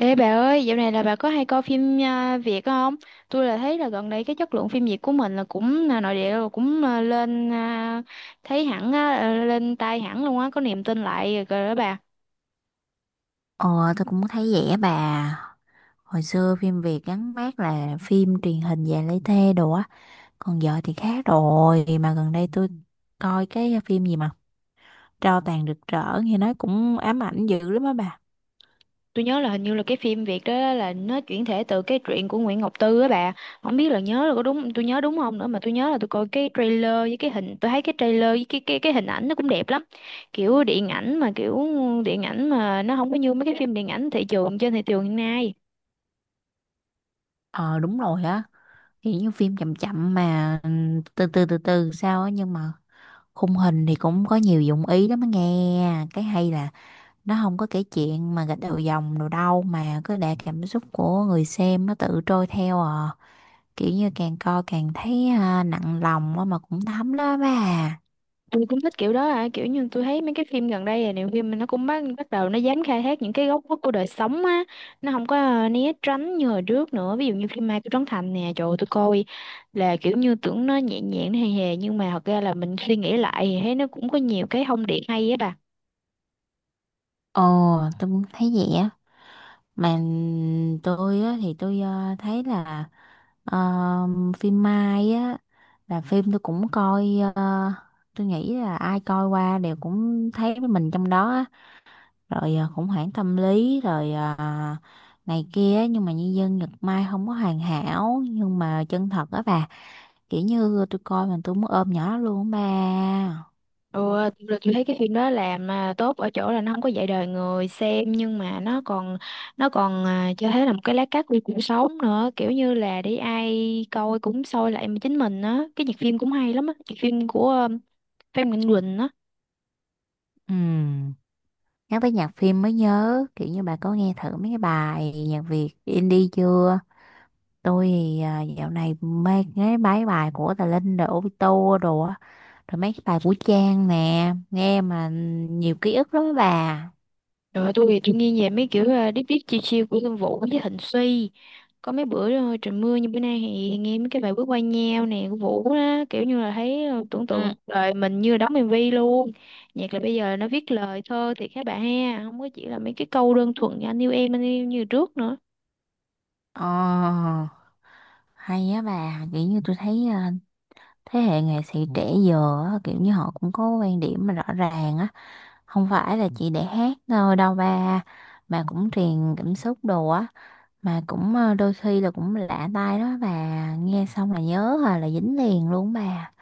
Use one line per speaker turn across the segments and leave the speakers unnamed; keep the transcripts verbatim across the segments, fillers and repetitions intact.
Ê bà ơi, dạo này là bà có hay coi phim à, Việt không? Tôi là thấy là gần đây cái chất lượng phim Việt của mình là cũng à, nội địa rồi cũng à, lên à, thấy hẳn á, à, lên tay hẳn luôn á, có niềm tin lại rồi đó bà.
Ờ, tôi cũng thấy vậy á bà. Hồi xưa phim Việt gắn mác là phim truyền hình dài lấy thê đồ á. Còn giờ thì khác rồi. Mà gần đây tôi coi cái phim gì mà Tro tàn rực rỡ nghe nói cũng ám ảnh dữ lắm á bà.
Tôi nhớ là hình như là cái phim Việt đó là nó chuyển thể từ cái truyện của Nguyễn Ngọc Tư á bà. Không biết là nhớ là có đúng tôi nhớ đúng không nữa mà tôi nhớ là tôi coi cái trailer với cái hình tôi thấy cái trailer với cái cái cái hình ảnh nó cũng đẹp lắm. Kiểu điện ảnh mà kiểu điện ảnh mà nó không có như mấy cái phim điện ảnh thị trường trên thị trường hiện nay.
Ờ, đúng rồi á. Kiểu như phim chậm chậm mà ừ, từ từ từ từ sao á. Nhưng mà khung hình thì cũng có nhiều dụng ý lắm á nghe. Cái hay là nó không có kể chuyện mà gạch đầu dòng đồ đâu. Mà cứ để cảm xúc của người xem nó tự trôi theo à. Kiểu như càng coi càng thấy à, nặng lòng á mà cũng thấm đó bà.
Tôi cũng thích kiểu đó à, kiểu như tôi thấy mấy cái phim gần đây là nhiều phim mà nó cũng bắt bắt đầu nó dám khai thác những cái góc khuất của đời sống á, nó không có ờ, né tránh như hồi trước nữa, ví dụ như phim Mai của Trấn Thành nè, trời ơi, tôi coi là kiểu như tưởng nó nhẹ nhàng nó hề hề nhưng mà thật ra là mình suy nghĩ lại thì thấy nó cũng có nhiều cái thông điệp hay á bà.
Ồ, tôi cũng thấy vậy á. Mà tôi á thì tôi à, thấy là à, phim Mai á là phim tôi cũng coi. à, tôi nghĩ là ai coi qua đều cũng thấy mình trong đó á. Rồi à, khủng hoảng tâm lý rồi à, này kia á. Nhưng mà nhân dân Nhật Mai không có hoàn hảo nhưng mà chân thật á bà. Kiểu như tôi coi mà tôi muốn ôm nhỏ luôn á bà.
Ừ, thực ra tôi thấy cái phim đó làm mà tốt ở chỗ là nó không có dạy đời người xem nhưng mà nó còn nó còn à, cho thấy là một cái lá cắt của cuộc sống nữa, kiểu như là để ai coi cũng soi lại chính mình á. Cái nhạc phim cũng hay lắm á, nhạc phim của ờ, Phan Mạnh Quỳnh á.
Ừm. Nhắc tới nhạc phim mới nhớ, kiểu như bà có nghe thử mấy cái bài nhạc Việt indie chưa? Tôi thì à, dạo này mê nghe mấy bài của Tà Linh rồi Obito đồ á, rồi mấy cái bài của Trang nè, nghe mà nhiều ký ức lắm á bà.
Rồi tôi thì tôi nghe về mấy kiểu uh, deep deep chill chill của Lương Vũ với Thịnh Suy. Có mấy bữa ờ, trời mưa như bữa nay thì nghe mấy cái bài bước qua nhau nè của Vũ đó, kiểu như là thấy ờ, tưởng
Ừ.
tượng đời mình như là đóng em vê luôn. Nhạc là bây giờ nó viết lời thơ thì các bạn ha, không có chỉ là mấy cái câu đơn thuần như anh yêu em anh yêu em như trước nữa.
Ờ, hay á bà. Kiểu như tôi thấy à, thế hệ nghệ sĩ trẻ giờ á, kiểu như họ cũng có quan điểm mà rõ ràng á, không phải là chỉ để hát thôi đâu ba, mà cũng truyền cảm xúc đồ á, mà cũng ờ, đôi khi là cũng lạ tai đó bà. Nghe xong là nhớ rồi là dính liền luôn bà.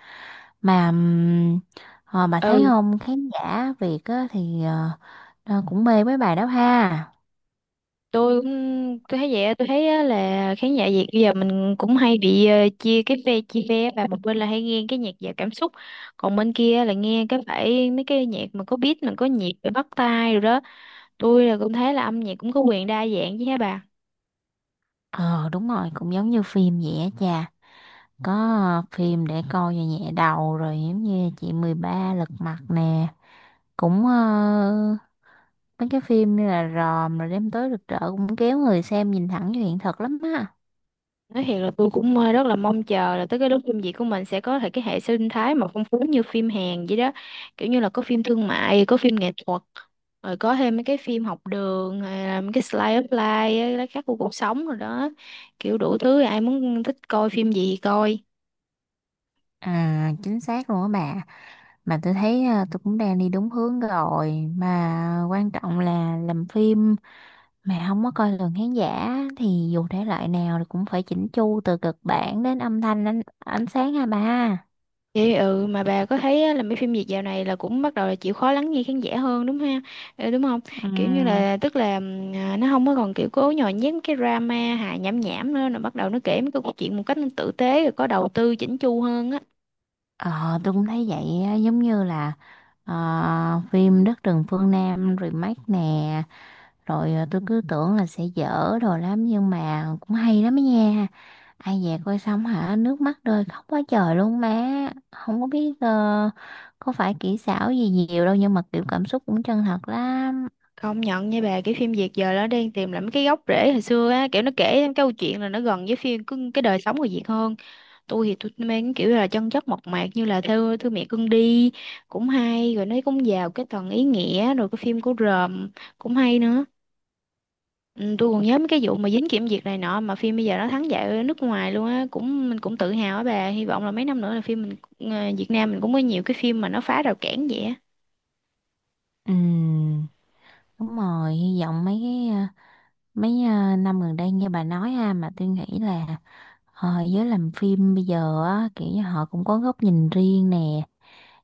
Mà ừm, ờ, bà thấy
Ừ,
không, khán giả Việt á, thì ờ, nó cũng mê mấy bài đó ha.
tôi cũng tôi thấy vậy á, tôi thấy á là khán giả Việt bây giờ mình cũng hay bị ờ, chia cái phe chia phe, và một bên là hay nghe cái nhạc giàu cảm xúc, còn bên kia là nghe cái phải mấy cái nhạc mà có beat mà có nhịp để bắt tai rồi đó. Tôi là cũng thấy là âm nhạc cũng có quyền đa dạng chứ hả bà.
Ờ, đúng rồi, cũng giống như phim vậy á cha. Có ờ, phim để coi cho nhẹ đầu, rồi giống như chị mười ba lật mặt nè, cũng ờ, mấy cái phim như là Ròm rồi đêm tối rực rỡ cũng kéo người xem nhìn thẳng vào hiện thực lắm á.
Nói thiệt là tôi cũng ờ, rất là mong chờ là tới cái lúc phim Việt của mình sẽ có thể cái hệ sinh thái mà phong phú như phim Hàn vậy đó. Kiểu như là có phim thương mại, có phim nghệ thuật, rồi có thêm mấy cái phim học đường, hay là mấy cái slice of life, á, lá khắc của cuộc sống rồi đó. Kiểu đủ thứ ai muốn thích coi phim gì thì coi.
À, chính xác luôn á bà. Mà tôi thấy à, tôi cũng đang đi đúng hướng rồi, mà quan trọng là làm phim mà không có coi lường khán giả, thì dù thể loại nào thì cũng phải chỉnh chu từ kịch bản đến âm thanh, ánh, ánh sáng ha ba.
Vậy ừ mà bà có thấy á, là mấy phim Việt dạo này là cũng bắt đầu là chịu khó lắng nghe khán giả hơn đúng ha? Ờ, đúng không? Kiểu như
Ừm.
là tức là ừm, à, nó không có còn kiểu cố nhồi nhét mấy cái drama hài nhảm nhảm nữa, nó bắt đầu nó kể mấy cái câu chuyện một cách nó tử tế rồi có đầu tư chỉnh chu hơn á.
ờ, tôi cũng thấy vậy á, giống như là ờ, phim Đất rừng phương Nam remake nè. Rồi ờ, tôi cứ tưởng là sẽ dở đồ lắm nhưng mà cũng hay lắm ấy nha. Ai về coi xong hả, nước mắt rơi khóc quá trời luôn má. Không có biết ờ, có phải kỹ xảo gì nhiều đâu nhưng mà kiểu cảm xúc cũng chân thật lắm.
Công nhận nha bà, cái phim Việt giờ nó đang tìm lại mấy cái gốc rễ hồi xưa á, kiểu nó kể cái câu chuyện là nó gần với phim cái cái đời sống người Việt hơn. Tôi thì tôi mang cái kiểu là chân chất mộc mạc như là thư thư mẹ cưng đi, cũng hay, rồi nó cũng vào cái tầng ý nghĩa. Rồi cái phim của Ròm cũng hay nữa. Ừ, tôi còn nhớ mấy cái vụ mà dính kiểm duyệt này nọ mà phim bây giờ nó thắng giải ở nước ngoài luôn á, cũng mình cũng tự hào á bà, hy vọng là mấy năm nữa là phim mình ờ, Việt Nam mình cũng có nhiều cái phim mà nó phá rào cản vậy á.
Ừm. Đúng rồi, hy vọng mấy cái ờ, mấy ờ, năm gần đây như bà nói ha, mà tôi nghĩ là ờ, giới làm phim bây giờ á, kiểu như họ cũng có góc nhìn riêng nè,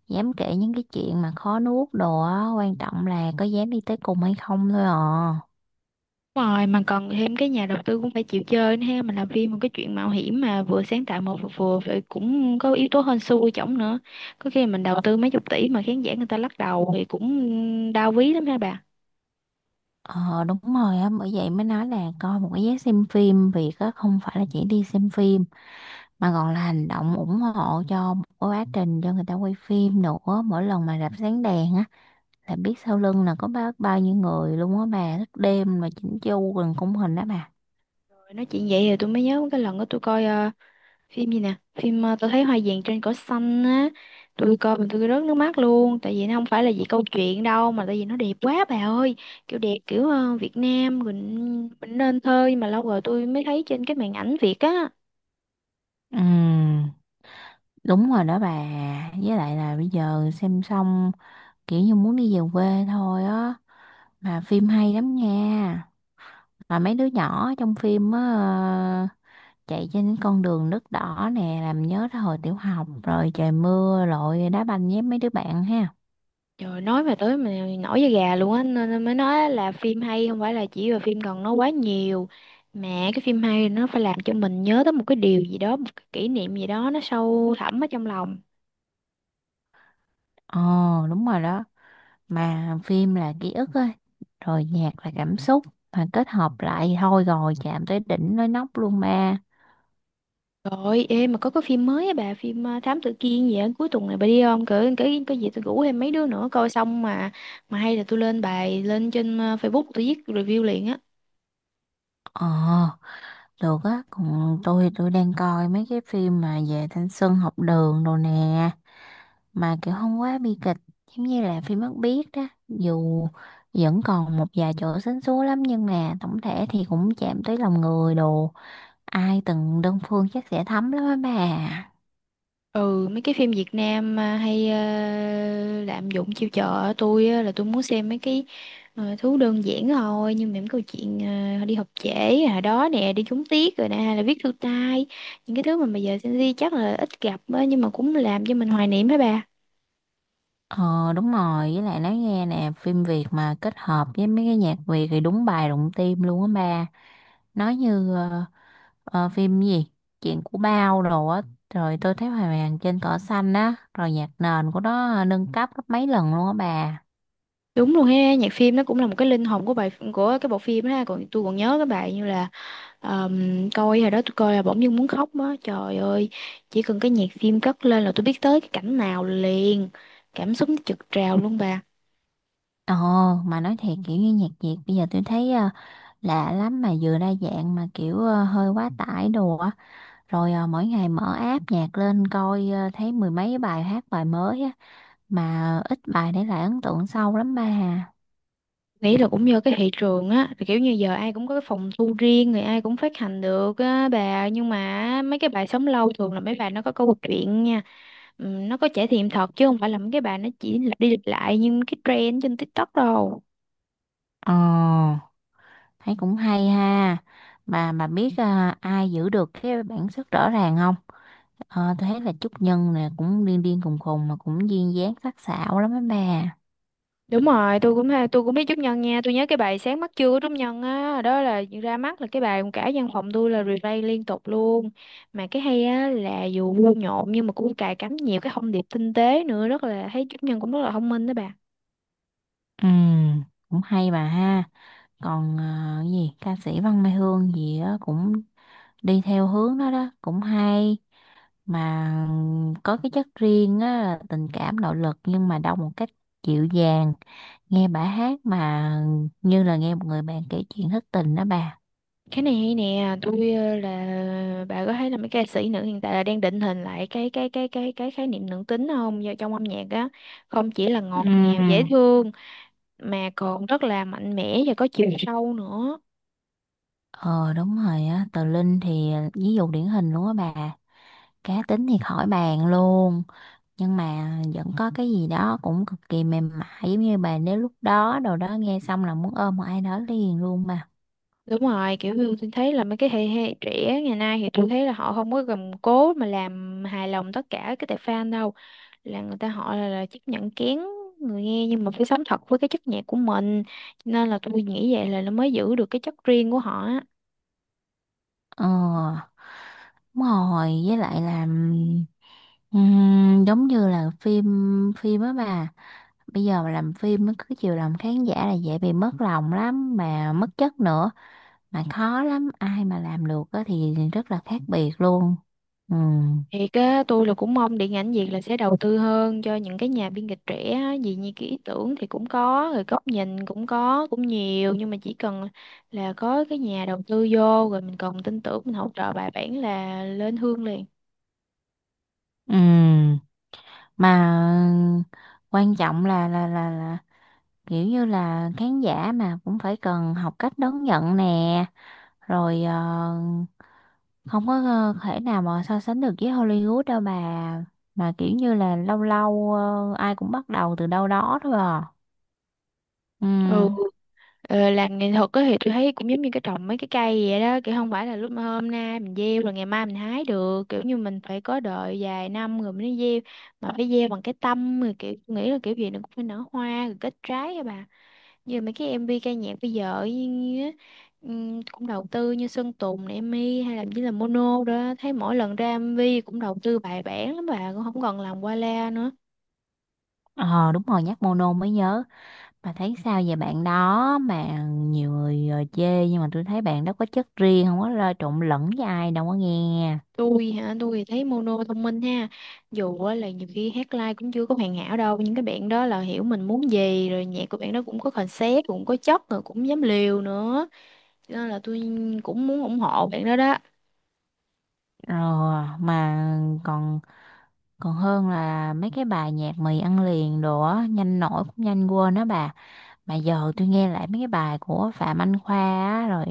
dám kể những cái chuyện mà khó nuốt đồ á, quan trọng là có dám đi tới cùng hay không thôi à.
Đúng rồi, mà còn thêm cái nhà đầu tư cũng phải chịu chơi nữa ha, mình làm phim một cái chuyện mạo hiểm mà vừa sáng tạo một vừa phải cũng có yếu tố hên xui chổng nữa, có khi mình đầu tư mấy chục tỷ mà khán giả người ta lắc đầu thì cũng đau ví lắm ha bà.
Ờ, đúng rồi á, bởi vậy mới nói là coi một cái vé xem phim việc á không phải là chỉ đi xem phim, mà còn là hành động ủng hộ cho một cái quá trình cho người ta quay phim nữa. Mỗi lần mà rạp sáng đèn á là biết sau lưng là có bao bao nhiêu người luôn á bà, thức đêm mà chỉnh chu gần khung hình đó bà.
Rồi nói chuyện vậy thì tôi mới nhớ cái lần đó tôi coi ờ, phim gì nè, phim ờ, tôi thấy hoa vàng trên cỏ xanh á, tôi coi mà tôi rớt nước mắt luôn, tại vì nó không phải là vì câu chuyện đâu mà tại vì nó đẹp quá bà ơi, kiểu đẹp kiểu ờ, Việt Nam mình mình nên thơ nhưng mà lâu rồi tôi mới thấy trên cái màn ảnh Việt á.
Ừ, đúng rồi đó bà. Với lại là bây giờ xem xong kiểu như muốn đi về quê thôi á, mà phim hay lắm nha. Mà mấy đứa nhỏ trong phim á, ờ, chạy trên con đường nước đỏ nè, làm nhớ tới hồi tiểu học rồi trời mưa lội đá banh với mấy đứa bạn ha.
Rồi nói mà tới mà nổi da gà luôn á, nên nên mới nói là phim hay không phải là chỉ là phim cần nó quá nhiều, mà cái phim hay nó phải làm cho mình nhớ tới một cái điều gì đó, một cái kỷ niệm gì đó nó sâu thẳm ở trong lòng.
Ồ, đúng rồi đó. Mà phim là ký ức á, rồi nhạc là cảm xúc, mà kết hợp lại thôi rồi chạm tới đỉnh nói nóc luôn ba.
Rồi em mà có cái phim mới á bà, phim ờ, Thám Tử Kiên gì á, cuối tuần này bà đi không cỡ cái cái gì, tôi rủ thêm mấy đứa nữa coi xong mà mà hay là tôi lên bài lên trên ờ, Facebook tôi viết review liền á.
Ờ, được á. Còn tôi tôi đang coi mấy cái phim mà về thanh xuân học đường đồ nè, mà kiểu không quá bi kịch, giống như là phim Mắt Biếc đó, dù vẫn còn một vài chỗ sến súa lắm nhưng mà tổng thể thì cũng chạm tới lòng người đồ. Ai từng đơn phương chắc sẽ thấm lắm á bà.
Ừ, mấy cái phim Việt Nam mà hay ờ, lạm dụng chiêu trò, tôi á, là tôi muốn xem mấy cái ờ, thứ đơn giản thôi nhưng mà những câu chuyện ờ, đi học trễ hồi đó nè, đi trúng tiết rồi nè, hay là viết thư tay, những cái thứ mà bây giờ Gen Z chắc là ít gặp á, nhưng mà cũng làm cho mình hoài niệm hả bà.
Ờ, đúng rồi, với lại nói nghe nè, phim Việt mà kết hợp với mấy cái nhạc Việt thì đúng bài đụng tim luôn á bà. Nói như ờ, ờ, phim gì, chuyện của Bao đồ á, rồi tôi thấy hoàng Hoàng trên cỏ xanh á, rồi nhạc nền của nó ờ, nâng cấp gấp mấy lần luôn á bà.
Đúng luôn ha, nhạc phim nó cũng là một cái linh hồn của bài của cái bộ phim ha, còn tôi còn nhớ cái bài như là Ờm, coi hồi đó tôi coi là bỗng dưng muốn khóc á, trời ơi, chỉ cần cái nhạc phim cất lên là tôi biết tới cái cảnh nào liền, cảm xúc nó trực trào luôn bà.
Ồ, mà nói thiệt kiểu như nhạc Việt bây giờ tôi thấy ờ, lạ lắm, mà vừa đa dạng mà kiểu ờ, hơi quá tải đồ á. Rồi ờ, mỗi ngày mở app nhạc lên coi ờ, thấy mười mấy bài hát bài mới á. Mà ít bài để lại ấn tượng sâu lắm ba hà.
Nghĩ là cũng do cái thị trường á, thì kiểu như giờ ai cũng có cái phòng thu riêng, người ai cũng phát hành được á bà, nhưng mà mấy cái bài sống lâu thường là mấy bài nó có câu chuyện nha. Ừm, nó có trải nghiệm thật chứ không phải là mấy cái bài nó chỉ lặp đi lặp lại như cái trend trên TikTok đâu.
Ồ, thấy cũng hay ha. Mà mà biết ờ, ai giữ được cái bản sắc rõ ràng không? Ờ, tôi thấy là Trúc Nhân nè cũng điên điên khùng khùng mà cũng duyên dáng sắc sảo lắm á bà.
Đúng rồi, tôi cũng hay- tôi cũng biết Trúc Nhân nha, tôi nhớ cái bài Sáng mắt trưa của Trúc Nhân á, đó là ra mắt là cái bài cả văn phòng tôi là replay liên tục luôn. Mà cái hay á là dù vui nhộn nhưng mà cũng cài cắm nhiều cái thông điệp tinh tế nữa, rất là thấy Trúc Nhân cũng rất là thông minh đó bà.
Ừ, cũng hay bà ha. Còn à, cái gì ca sĩ Văn Mai Hương gì á, cũng đi theo hướng đó đó cũng hay, mà có cái chất riêng á, là tình cảm nội lực nhưng mà đâu một cách dịu dàng. Nghe bà hát mà như là nghe một người bạn kể chuyện thất tình đó bà.
Cái này hay nè, tôi ờ, là bà có thấy là mấy ca sĩ nữ hiện tại là đang định hình lại cái cái cái cái cái khái niệm nữ tính không? Do trong âm nhạc á, không chỉ là ngọt ngào dễ
Ừ.
thương mà còn rất là mạnh mẽ và có chiều sâu nữa.
Ờ, đúng rồi á. Tờ Linh thì ví dụ điển hình luôn á bà, cá tính thì khỏi bàn luôn, nhưng mà vẫn có cái gì đó cũng cực kỳ mềm mại, giống như bà nếu lúc đó đồ đó nghe xong là muốn ôm một ai đó liền luôn mà.
Đúng rồi, kiểu như tôi thấy là mấy cái thế hệ trẻ ngày nay thì tôi thấy là họ không có gầm cố mà làm hài lòng tất cả cái tệp fan đâu. Là người ta họ là, là chấp nhận kén người nghe nhưng mà phải sống thật với cái chất nhạc của mình. Cho nên là tôi nghĩ vậy là nó mới giữ được cái chất riêng của họ á.
Ờ, đúng rồi, với lại là ừm, ừm, giống như là phim phim á bà, bây giờ mà làm phim nó cứ chiều lòng khán giả là dễ bị mất lòng lắm mà mất chất nữa, mà khó lắm, ai mà làm được á thì rất là khác biệt luôn. Ừm.
Thiệt á, tôi là cũng mong điện ảnh Việt là sẽ đầu tư hơn cho những cái nhà biên kịch trẻ á, vì như cái ý tưởng thì cũng có, rồi góc nhìn cũng có, cũng nhiều nhưng mà chỉ cần là có cái nhà đầu tư vô rồi mình còn tin tưởng mình hỗ trợ bài bản là lên hương liền.
Ừ, mà quan trọng là là là là kiểu như là khán giả mà cũng phải cần học cách đón nhận nè, rồi ờ, không có ờ, thể nào mà so sánh được với Hollywood đâu bà, mà kiểu như là lâu lâu ờ, ai cũng bắt đầu từ đâu đó thôi à. Ừ.
Ừ, ờ, làm nghệ thuật á thì tôi thấy cũng giống như cái trồng mấy cái cây vậy đó, kiểu không phải là lúc mà hôm nay mình gieo rồi ngày mai mình hái được, kiểu như mình phải có đợi vài năm rồi mới gieo, mà phải gieo bằng cái tâm, rồi kiểu tôi nghĩ là kiểu gì nó cũng phải nở hoa rồi kết trái á bà. Giờ mấy cái em MV ca nhạc bây giờ như, như á, ừm, cũng đầu tư như Sơn Tùng này, Emi hay là chỉ là Mono đó, thấy mỗi lần ra em vê cũng đầu tư bài bản lắm bà, cũng không còn làm qua la nữa.
Ờ, đúng rồi, nhắc Mono mới nhớ, bà thấy sao về bạn đó? Mà nhiều người ờ, chê nhưng mà tôi thấy bạn đó có chất riêng, không có lo trộn lẫn với ai đâu có nghe.
Tôi hả, tôi thì thấy Mono thông minh ha, dù á là nhiều khi hát live cũng chưa có hoàn hảo đâu nhưng các bạn đó là hiểu mình muốn gì, rồi nhạc của bạn đó cũng có concept cũng có chất rồi cũng dám liều nữa, cho nên là tôi cũng muốn ủng hộ bạn đó đó.
Rồi mà còn còn hơn là mấy cái bài nhạc mì ăn liền đồ á, nhanh nổi cũng nhanh quên đó bà. Mà giờ tôi nghe lại mấy cái bài của Phạm Anh Khoa á, rồi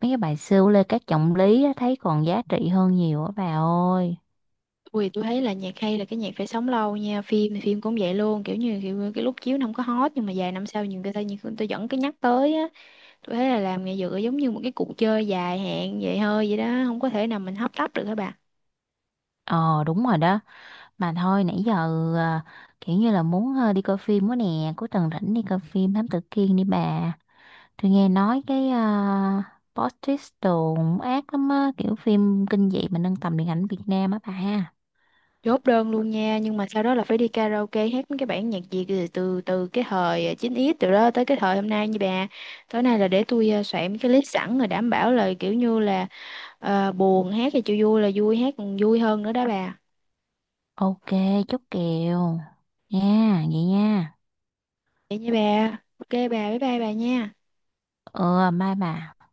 mấy cái bài siêu Lê Cát Trọng Lý á, thấy còn giá trị hơn nhiều á bà ơi.
Ui, tôi thấy là nhạc hay là cái nhạc phải sống lâu nha, phim thì phim cũng vậy luôn, kiểu như kiểu, cái lúc chiếu nó không có hot nhưng mà vài năm sau nhiều người ta nhiều người ta vẫn cứ nhắc tới á. Tôi thấy là làm nghệ dựa giống như một cái cuộc chơi dài hạn vậy hơi vậy đó, không có thể nào mình hấp tấp được hả bà.
Ờ, đúng rồi đó. Mà thôi nãy giờ à, kiểu như là muốn ờ, đi coi phim quá nè, cuối tuần rảnh đi coi phim Thám Tử Kiên đi bà. Tôi nghe nói cái uh, plot twist đồ cũng ác lắm á, kiểu phim kinh dị mà nâng tầm điện ảnh Việt Nam á bà.
Chốt đơn luôn nha, nhưng mà sau đó là phải đi karaoke hát mấy cái bản nhạc Việt từ từ từ cái thời chín x từ đó tới cái thời hôm nay như bà. Tối nay là để tôi ờ, soạn mấy cái list sẵn rồi đảm bảo là kiểu như là ờ, buồn hát thì chịu, vui là vui hát còn vui hơn nữa đó bà.
Ok, chốt kèo. Nha, vậy nha.
Vậy nha bà. Ok bà, bye bye bà nha.
Ừ, bye bà.